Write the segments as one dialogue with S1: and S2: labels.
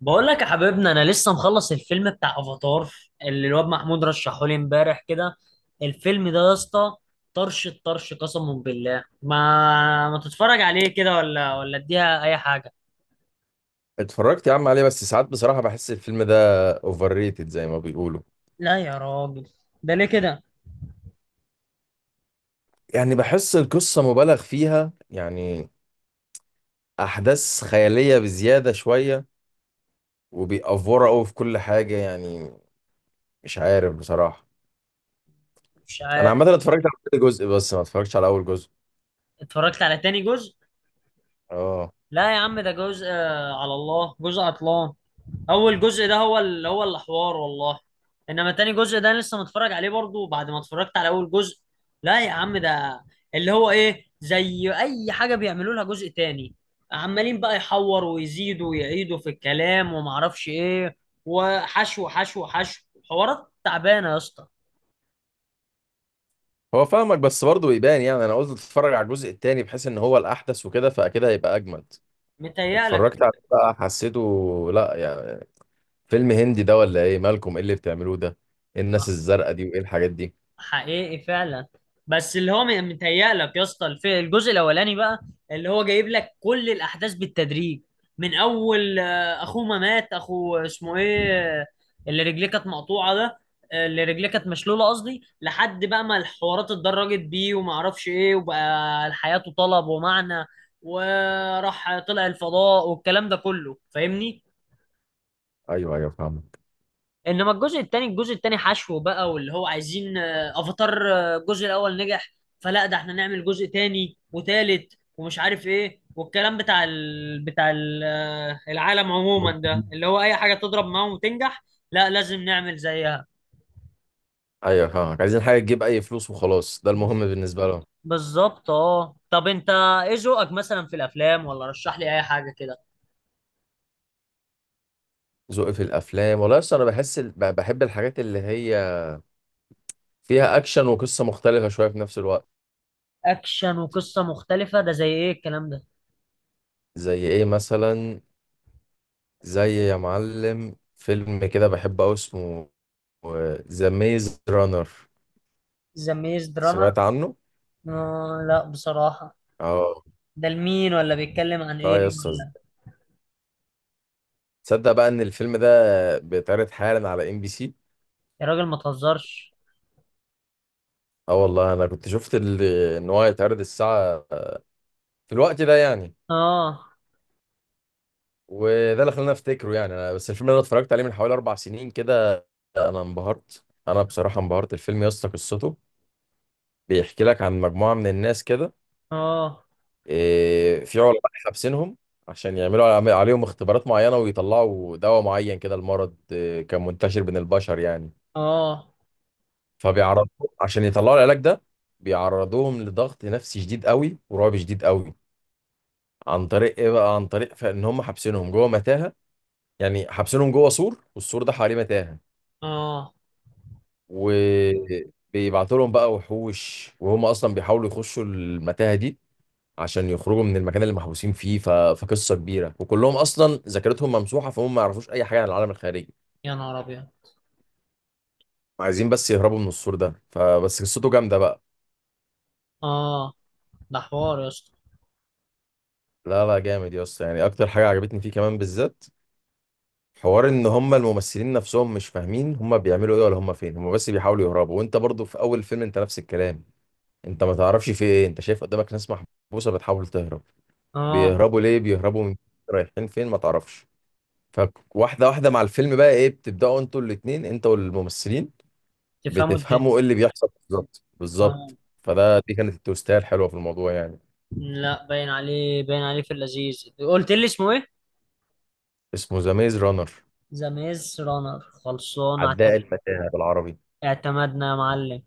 S1: بقول لك يا حبيبنا انا لسه مخلص الفيلم بتاع افاتار اللي الواد محمود رشحه لي امبارح كده. الفيلم ده يا اسطى طرش الطرش، قسما بالله ما تتفرج عليه كده ولا اديها اي حاجه.
S2: اتفرجت يا عم عليه، بس ساعات بصراحة بحس الفيلم ده اوفر ريتد زي ما بيقولوا.
S1: لا يا راجل، ده ليه كده؟
S2: يعني بحس القصة مبالغ فيها، يعني أحداث خيالية بزيادة شوية، وبيأفوروا قوي في كل حاجة يعني. مش عارف بصراحة.
S1: مش
S2: أنا
S1: عارف.
S2: عامة اتفرجت على كل جزء، بس ما اتفرجتش على أول جزء.
S1: اتفرجت على تاني جزء.
S2: اه.
S1: لا يا عم، ده جزء على الله جزء عطلان. اول جزء ده هو اللي هو الحوار والله. انما تاني جزء ده أنا لسه متفرج عليه برضو بعد ما اتفرجت على اول جزء. لا يا عم، ده اللي هو ايه، زي اي حاجه بيعملوا لها جزء تاني، عمالين بقى يحوروا ويزيدوا ويعيدوا في الكلام ومعرفش ايه، وحشو حشو. حوارات تعبانه يا اسطى.
S2: هو فاهمك، بس برضه يبان يعني. أنا قلت اتفرج على الجزء التاني بحيث إن هو الأحدث وكده، فأكيد هيبقى أجمد.
S1: متهيألك؟
S2: اتفرجت عليه بقى، حسيته لا يعني. فيلم هندي ده ولا إيه؟ مالكم؟ إيه اللي بتعملوه ده؟ إيه الناس الزرقاء دي وإيه الحاجات دي؟
S1: حقيقي فعلا. بس اللي هو متهيألك يا اسطى الجزء الاولاني بقى اللي هو جايب لك كل الاحداث بالتدريج، من اول اخوه ما مات، اخو اسمه ايه، آه، اللي رجليه كانت مقطوعه ده، اللي رجليه كانت مشلوله قصدي، لحد بقى ما الحوارات اتدرجت بيه وما اعرفش ايه، وبقى حياته طلب ومعنى وراح طلع الفضاء والكلام ده كله، فاهمني؟
S2: ايوه ايوه، فاهمك.
S1: انما الجزء التاني الجزء التاني حشو بقى، واللي هو عايزين افاتار الجزء الاول نجح، فلا ده احنا نعمل جزء تاني وتالت ومش عارف ايه، والكلام بتاع ال... بتاع ال... آه، العالم عموما ده اللي هو اي حاجة تضرب معاهم وتنجح، لا لازم نعمل زيها.
S2: ايوه، فاهمك. عايزين حاجه تجيب اي فلوس وخلاص، ده المهم
S1: بز-
S2: بالنسبه لهم.
S1: بالظبط. اه طب انت ايه ذوقك مثلا في الافلام؟ ولا رشح لي اي حاجة كده.
S2: ذوقي في الافلام، والله اصل انا بحس بحب الحاجات اللي هي فيها اكشن وقصه مختلفه شويه في نفس الوقت.
S1: اكشن وقصة مختلفة، ده زي ايه الكلام ده؟
S2: زي ايه مثلا؟ زي يا معلم فيلم كده بحبه قوي، اسمه ذا ميز رانر.
S1: ذا ميز دراما؟
S2: سمعت عنه؟
S1: آه لا بصراحة.
S2: اه.
S1: ده لمين؟ ولا بيتكلم عن
S2: لا يا
S1: ايه؟
S2: اسطى،
S1: ولا؟
S2: تصدق بقى ان الفيلم ده بيتعرض حالا على ام بي سي؟
S1: يا راجل ما تهزرش.
S2: اه والله، انا كنت شفت ان هو هيتعرض الساعه في الوقت ده يعني.
S1: اه.
S2: وده اللي خلاني افتكره يعني. انا بس الفيلم اللي انا اتفرجت عليه من حوالي اربع سنين كده، انا انبهرت، انا بصراحه انبهرت. الفيلم يا اسطى قصته بيحكي لك عن مجموعه من الناس كده.
S1: اه.
S2: في علماء حابسينهم عشان يعملوا عليهم اختبارات معينه، ويطلعوا دواء معين كده المرض كان منتشر بين البشر يعني.
S1: اه.
S2: فبيعرضوهم عشان يطلعوا العلاج ده. بيعرضوهم لضغط نفسي شديد قوي ورعب شديد قوي. عن طريق ايه بقى؟ عن طريق فان هم حابسينهم جوه متاهه. يعني حابسينهم جوه سور، والسور ده حواليه متاهه.
S1: اه
S2: وبيبعتوا لهم بقى وحوش، وهم اصلا بيحاولوا يخشوا المتاهه دي عشان يخرجوا من المكان اللي محبوسين فيه. ف... فقصه كبيره، وكلهم اصلا ذاكرتهم ممسوحه، فهم ما يعرفوش اي حاجه عن العالم الخارجي.
S1: يا نهار ابيض.
S2: عايزين بس يهربوا من السور ده. فبس قصته جامده بقى.
S1: اه، ده حوار يا اسطى.
S2: لا لا، جامد يا اسطى يعني. اكتر حاجه عجبتني فيه كمان بالذات، حوار ان هم الممثلين نفسهم مش فاهمين هم بيعملوا ايه ولا هم فين. هم بس بيحاولوا يهربوا، وانت برضو في اول فيلم انت نفس الكلام، انت ما تعرفش في ايه. انت شايف قدامك ناس محبوسه بتحاول تهرب.
S1: اه.
S2: بيهربوا ليه؟ بيهربوا من؟ رايحين فين؟ ما تعرفش. فواحده واحده مع الفيلم بقى ايه، بتبداوا انتوا الاتنين انت والممثلين
S1: تفهموا الدنيا.
S2: بتفهموا ايه اللي بيحصل بالظبط بالظبط.
S1: اه.
S2: فده دي كانت التوستاية الحلوه في الموضوع يعني.
S1: لا باين عليه، باين عليه في اللذيذ. قلت لي اسمه ايه؟
S2: اسمه ذا ميز رانر.
S1: ذا ميز رانر.
S2: عداء المتاهه بالعربي.
S1: اعتمدنا يا معلم.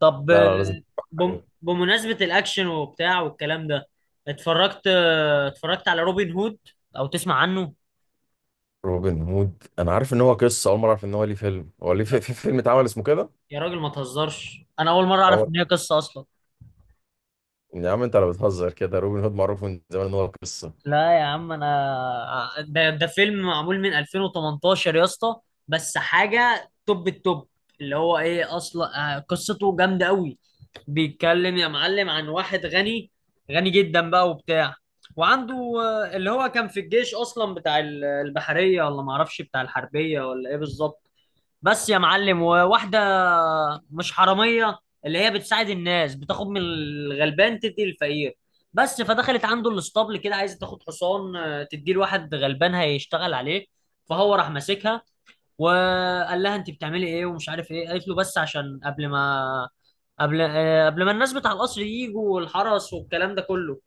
S1: طب
S2: لا لا، لازم تتفرج عليه.
S1: بمناسبة الاكشن وبتاع والكلام ده، اتفرجت اتفرجت على روبن هود؟ او تسمع عنه؟
S2: روبن هود، انا عارف ان هو قصه. اول مره اعرف ان هو ليه فيلم. هو ليه في فيلم اتعمل اسمه كده؟
S1: يا راجل ما تهزرش، انا اول مرة اعرف
S2: أول
S1: ان هي قصة اصلا.
S2: يا عم انت لو بتهزر كده، روبن هود معروف من زمان ان هو قصه.
S1: لا يا عم، انا ده فيلم معمول من 2018 يا اسطى، بس حاجه توب التوب، اللي هو ايه اصلا، قصته جامده قوي. بيتكلم يا معلم عن واحد غني، غني جدا بقى وبتاع، وعنده اللي هو كان في الجيش اصلا بتاع البحريه ولا معرفش بتاع الحربيه ولا ايه بالظبط. بس يا معلم وواحدة مش حرامية، اللي هي بتساعد الناس، بتاخد من الغلبان تدي الفقير بس. فدخلت عنده الاسطبل كده عايزة تاخد حصان تديه لواحد غلبان هيشتغل عليه. فهو راح ماسكها وقال لها انت بتعملي ايه ومش عارف ايه، قالت له بس عشان قبل ما الناس بتاع القصر يجوا والحرس والكلام ده كله.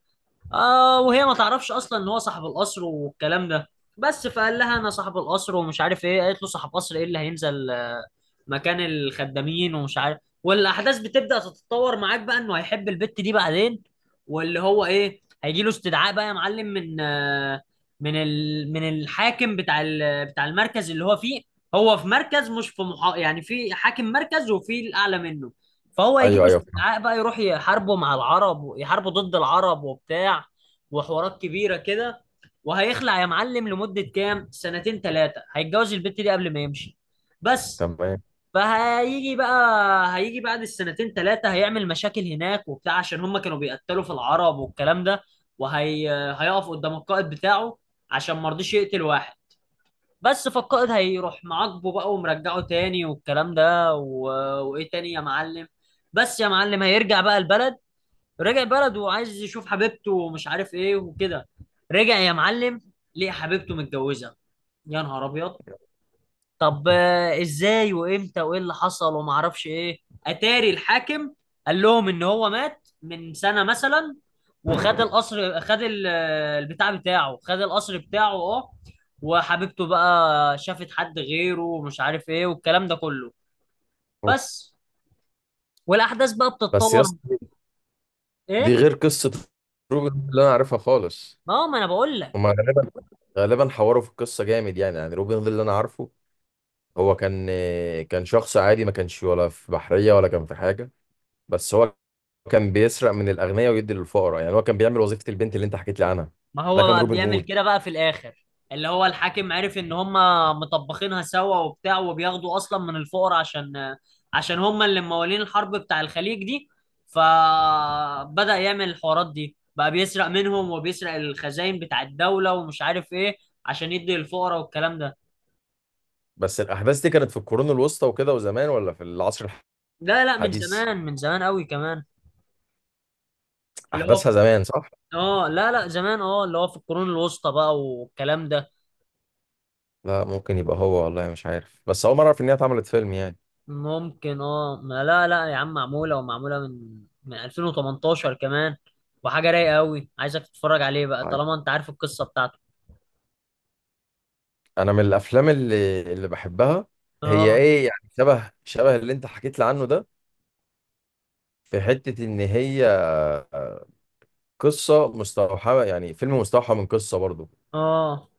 S1: آه وهي ما تعرفش اصلا ان هو صاحب القصر والكلام ده. بس فقال لها انا صاحب القصر ومش عارف ايه، قالت له صاحب قصر ايه اللي هينزل مكان الخدامين ومش عارف. والاحداث بتبدا تتطور معاك بقى انه هيحب البت دي بعدين، واللي هو ايه، هيجي له استدعاء بقى يا معلم من من الحاكم بتاع بتاع المركز اللي هو فيه. هو في مركز، مش في يعني في حاكم مركز وفي الاعلى منه. فهو هيجيب
S2: ايوه ايوه.
S1: استدعاء بقى، يروح يحاربوا مع العرب ويحاربوا ضد العرب وبتاع، وحوارات كبيرة كده. وهيخلع يا معلم لمدة كام سنتين ثلاثة، هيتجوز البت دي قبل ما يمشي بس.
S2: تمام.
S1: فهيجي بقى هيجي بعد السنتين ثلاثة، هيعمل مشاكل هناك وبتاع عشان هم كانوا بيقتلوا في العرب والكلام ده، وهي هيقف قدام القائد بتاعه عشان ما رضيش يقتل واحد بس. فالقائد هيروح معاقبه بقى ومرجعه تاني والكلام ده و... وايه تاني يا معلم؟ بس يا معلم هيرجع بقى البلد، رجع البلد وعايز يشوف حبيبته ومش عارف ايه وكده. رجع يا معلم، ليه حبيبته متجوزة! يا نهار ابيض. طب ازاي وامتى وايه اللي حصل وما اعرفش ايه؟ اتاري الحاكم قال لهم ان هو مات من سنة مثلا، وخد القصر، خد البتاع بتاعه، خد القصر بتاعه اه، وحبيبته بقى شافت حد غيره ومش عارف ايه والكلام ده كله بس. والاحداث بقى
S2: بس يا
S1: بتتطور.
S2: اسطى، دي
S1: ايه؟
S2: غير قصة روبن هود اللي انا عارفها خالص.
S1: ما هو ما انا بقول
S2: هما
S1: لك.
S2: غالبا حوروا في القصة جامد يعني روبن هود اللي انا عارفه، هو كان شخص عادي، ما كانش ولا في بحرية ولا كان في حاجة. بس هو كان بيسرق من الأغنياء ويدي للفقراء. يعني هو كان بيعمل وظيفة البنت اللي انت حكيت لي عنها.
S1: ما
S2: ده
S1: هو
S2: كان
S1: بقى
S2: روبن
S1: بيعمل
S2: هود.
S1: كده بقى في الاخر، اللي هو الحاكم عرف ان هم مطبخينها سوا وبتاع، وبياخدوا اصلا من الفقراء عشان هم اللي موالين الحرب بتاع الخليج دي، فبدأ يعمل الحوارات دي بقى، بيسرق منهم وبيسرق الخزائن بتاع الدولة ومش عارف ايه عشان يدي للفقراء والكلام ده.
S2: بس الأحداث دي كانت في القرون الوسطى وكده وزمان، ولا في العصر
S1: لا لا، من
S2: الحديث؟
S1: زمان، من زمان قوي كمان. اللي هو
S2: أحداثها
S1: في...
S2: زمان صح؟
S1: اه لا لا زمان، اه اللي هو في القرون الوسطى بقى والكلام ده.
S2: لا ممكن يبقى هو، والله مش عارف، بس أول مرة أعرف إن هي اتعملت فيلم يعني.
S1: ممكن اه، ما لا لا يا عم معمولة، ومعمولة من 2018 كمان، وحاجة رايقة قوي، عايزك تتفرج عليه بقى طالما انت عارف القصة بتاعته.
S2: انا من الافلام اللي بحبها، هي
S1: اه.
S2: ايه يعني، شبه شبه اللي انت حكيت لي عنه ده. في حتة ان هي قصة مستوحاة، يعني فيلم مستوحى من قصة برضه.
S1: اه.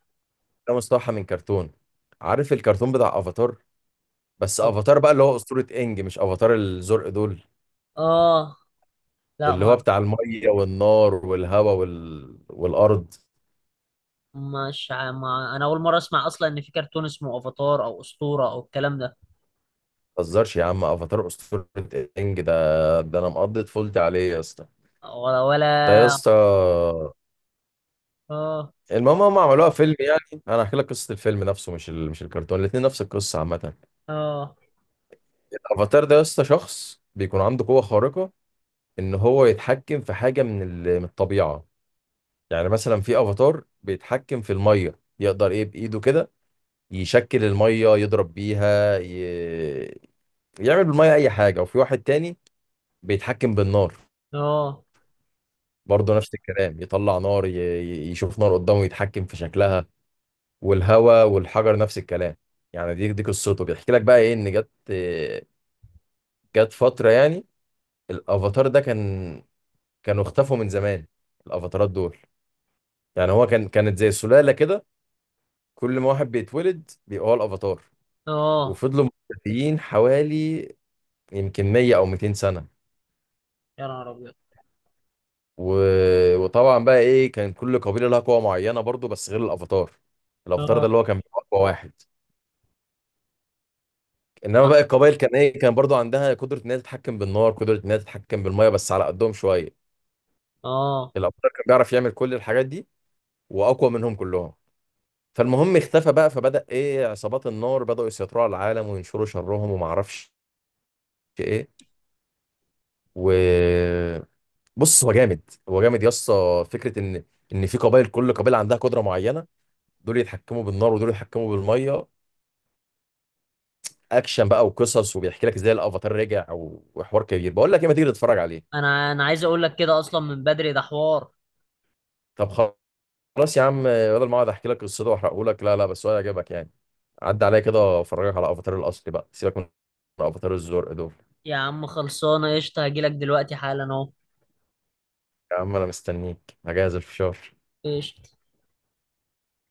S2: ده مستوحى من كرتون. عارف الكرتون بتاع افاتار؟ بس
S1: طب.
S2: افاتار بقى اللي هو اسطورة انج، مش افاتار الزرق دول.
S1: اه. لا
S2: اللي
S1: ما
S2: هو بتاع المية والنار والهواء والارض.
S1: مش ع- ما انا اول مرة اسمع اصلا ان في كرتون اسمه افاتار او اسطورة او الكلام ده.
S2: ما تهزرش يا عم، افاتار اسطورة انج ده، ده انا مقضي طفولتي عليه يا اسطى.
S1: ولا
S2: ده يا اسطى،
S1: اه.
S2: المهم هم عملوها فيلم يعني. انا هحكي لك قصه الفيلم نفسه، مش الكرتون. الاثنين نفس القصه عامه.
S1: اه.
S2: الافاتار ده يا اسطى شخص بيكون عنده قوه خارقه، ان هو يتحكم في حاجه من الطبيعه. يعني مثلا في افاتار بيتحكم في الميه، يقدر ايه بايده كده يشكل الميه، يضرب بيها، يعمل بالميه اي حاجه. وفي واحد تاني بيتحكم بالنار،
S1: اه.
S2: برضه نفس الكلام، يطلع نار، يشوف نار قدامه يتحكم في شكلها. والهوا والحجر نفس الكلام. يعني دي قصته. بيحكي لك بقى ايه ان جت فتره يعني، الافاتار ده كان، اختفوا من زمان الافاتارات دول. يعني هو كانت زي سلاله كده، كل ما واحد بيتولد بيبقى هو الافاتار.
S1: اه
S2: وفضلوا مختفيين حوالي، يمكن 100 او 200 سنه.
S1: يا نهار ابيض.
S2: و... وطبعا بقى ايه، كان كل قبيله لها قوه معينه برضو، بس غير الافاتار. الافاتار ده
S1: اه.
S2: اللي هو كان بيبقى اقوى واحد. انما بقى القبائل كان ايه، كان برضو عندها قدره ان هي تتحكم بالنار، قدره ان هي تتحكم بالميه، بس على قدهم شويه.
S1: اه.
S2: الابطال كان بيعرف يعمل كل الحاجات دي واقوى منهم كلهم. فالمهم اختفى بقى، فبدا ايه عصابات النار بداوا يسيطروا على العالم وينشروا شرهم، وما اعرفش ايه. و بص، هو جامد. هو جامد يا اسطى. فكره ان في قبائل كل قبيله عندها قدره معينه، دول يتحكموا بالنار ودول يتحكموا بالميه. اكشن بقى وقصص، وبيحكي لك ازاي الافاتار رجع وحوار كبير. بقول لك ايه، ما تيجي تتفرج عليه؟
S1: انا عايز اقول لك كده اصلا من بدري، ده حوار.
S2: طب، خلاص يا عم، بدل ما اقعد احكي لك قصته واحرقه لك. لا لا، بس هو هيعجبك يعني. عدى عليا كده وافرجك على افاتار الاصلي بقى، سيبك من افاتار الزرق دول.
S1: يا عم خلصانة قشطة، هجيلك دلوقتي حالا اهو.
S2: يا عم انا مستنيك، هجهز الفشار.
S1: قشطة.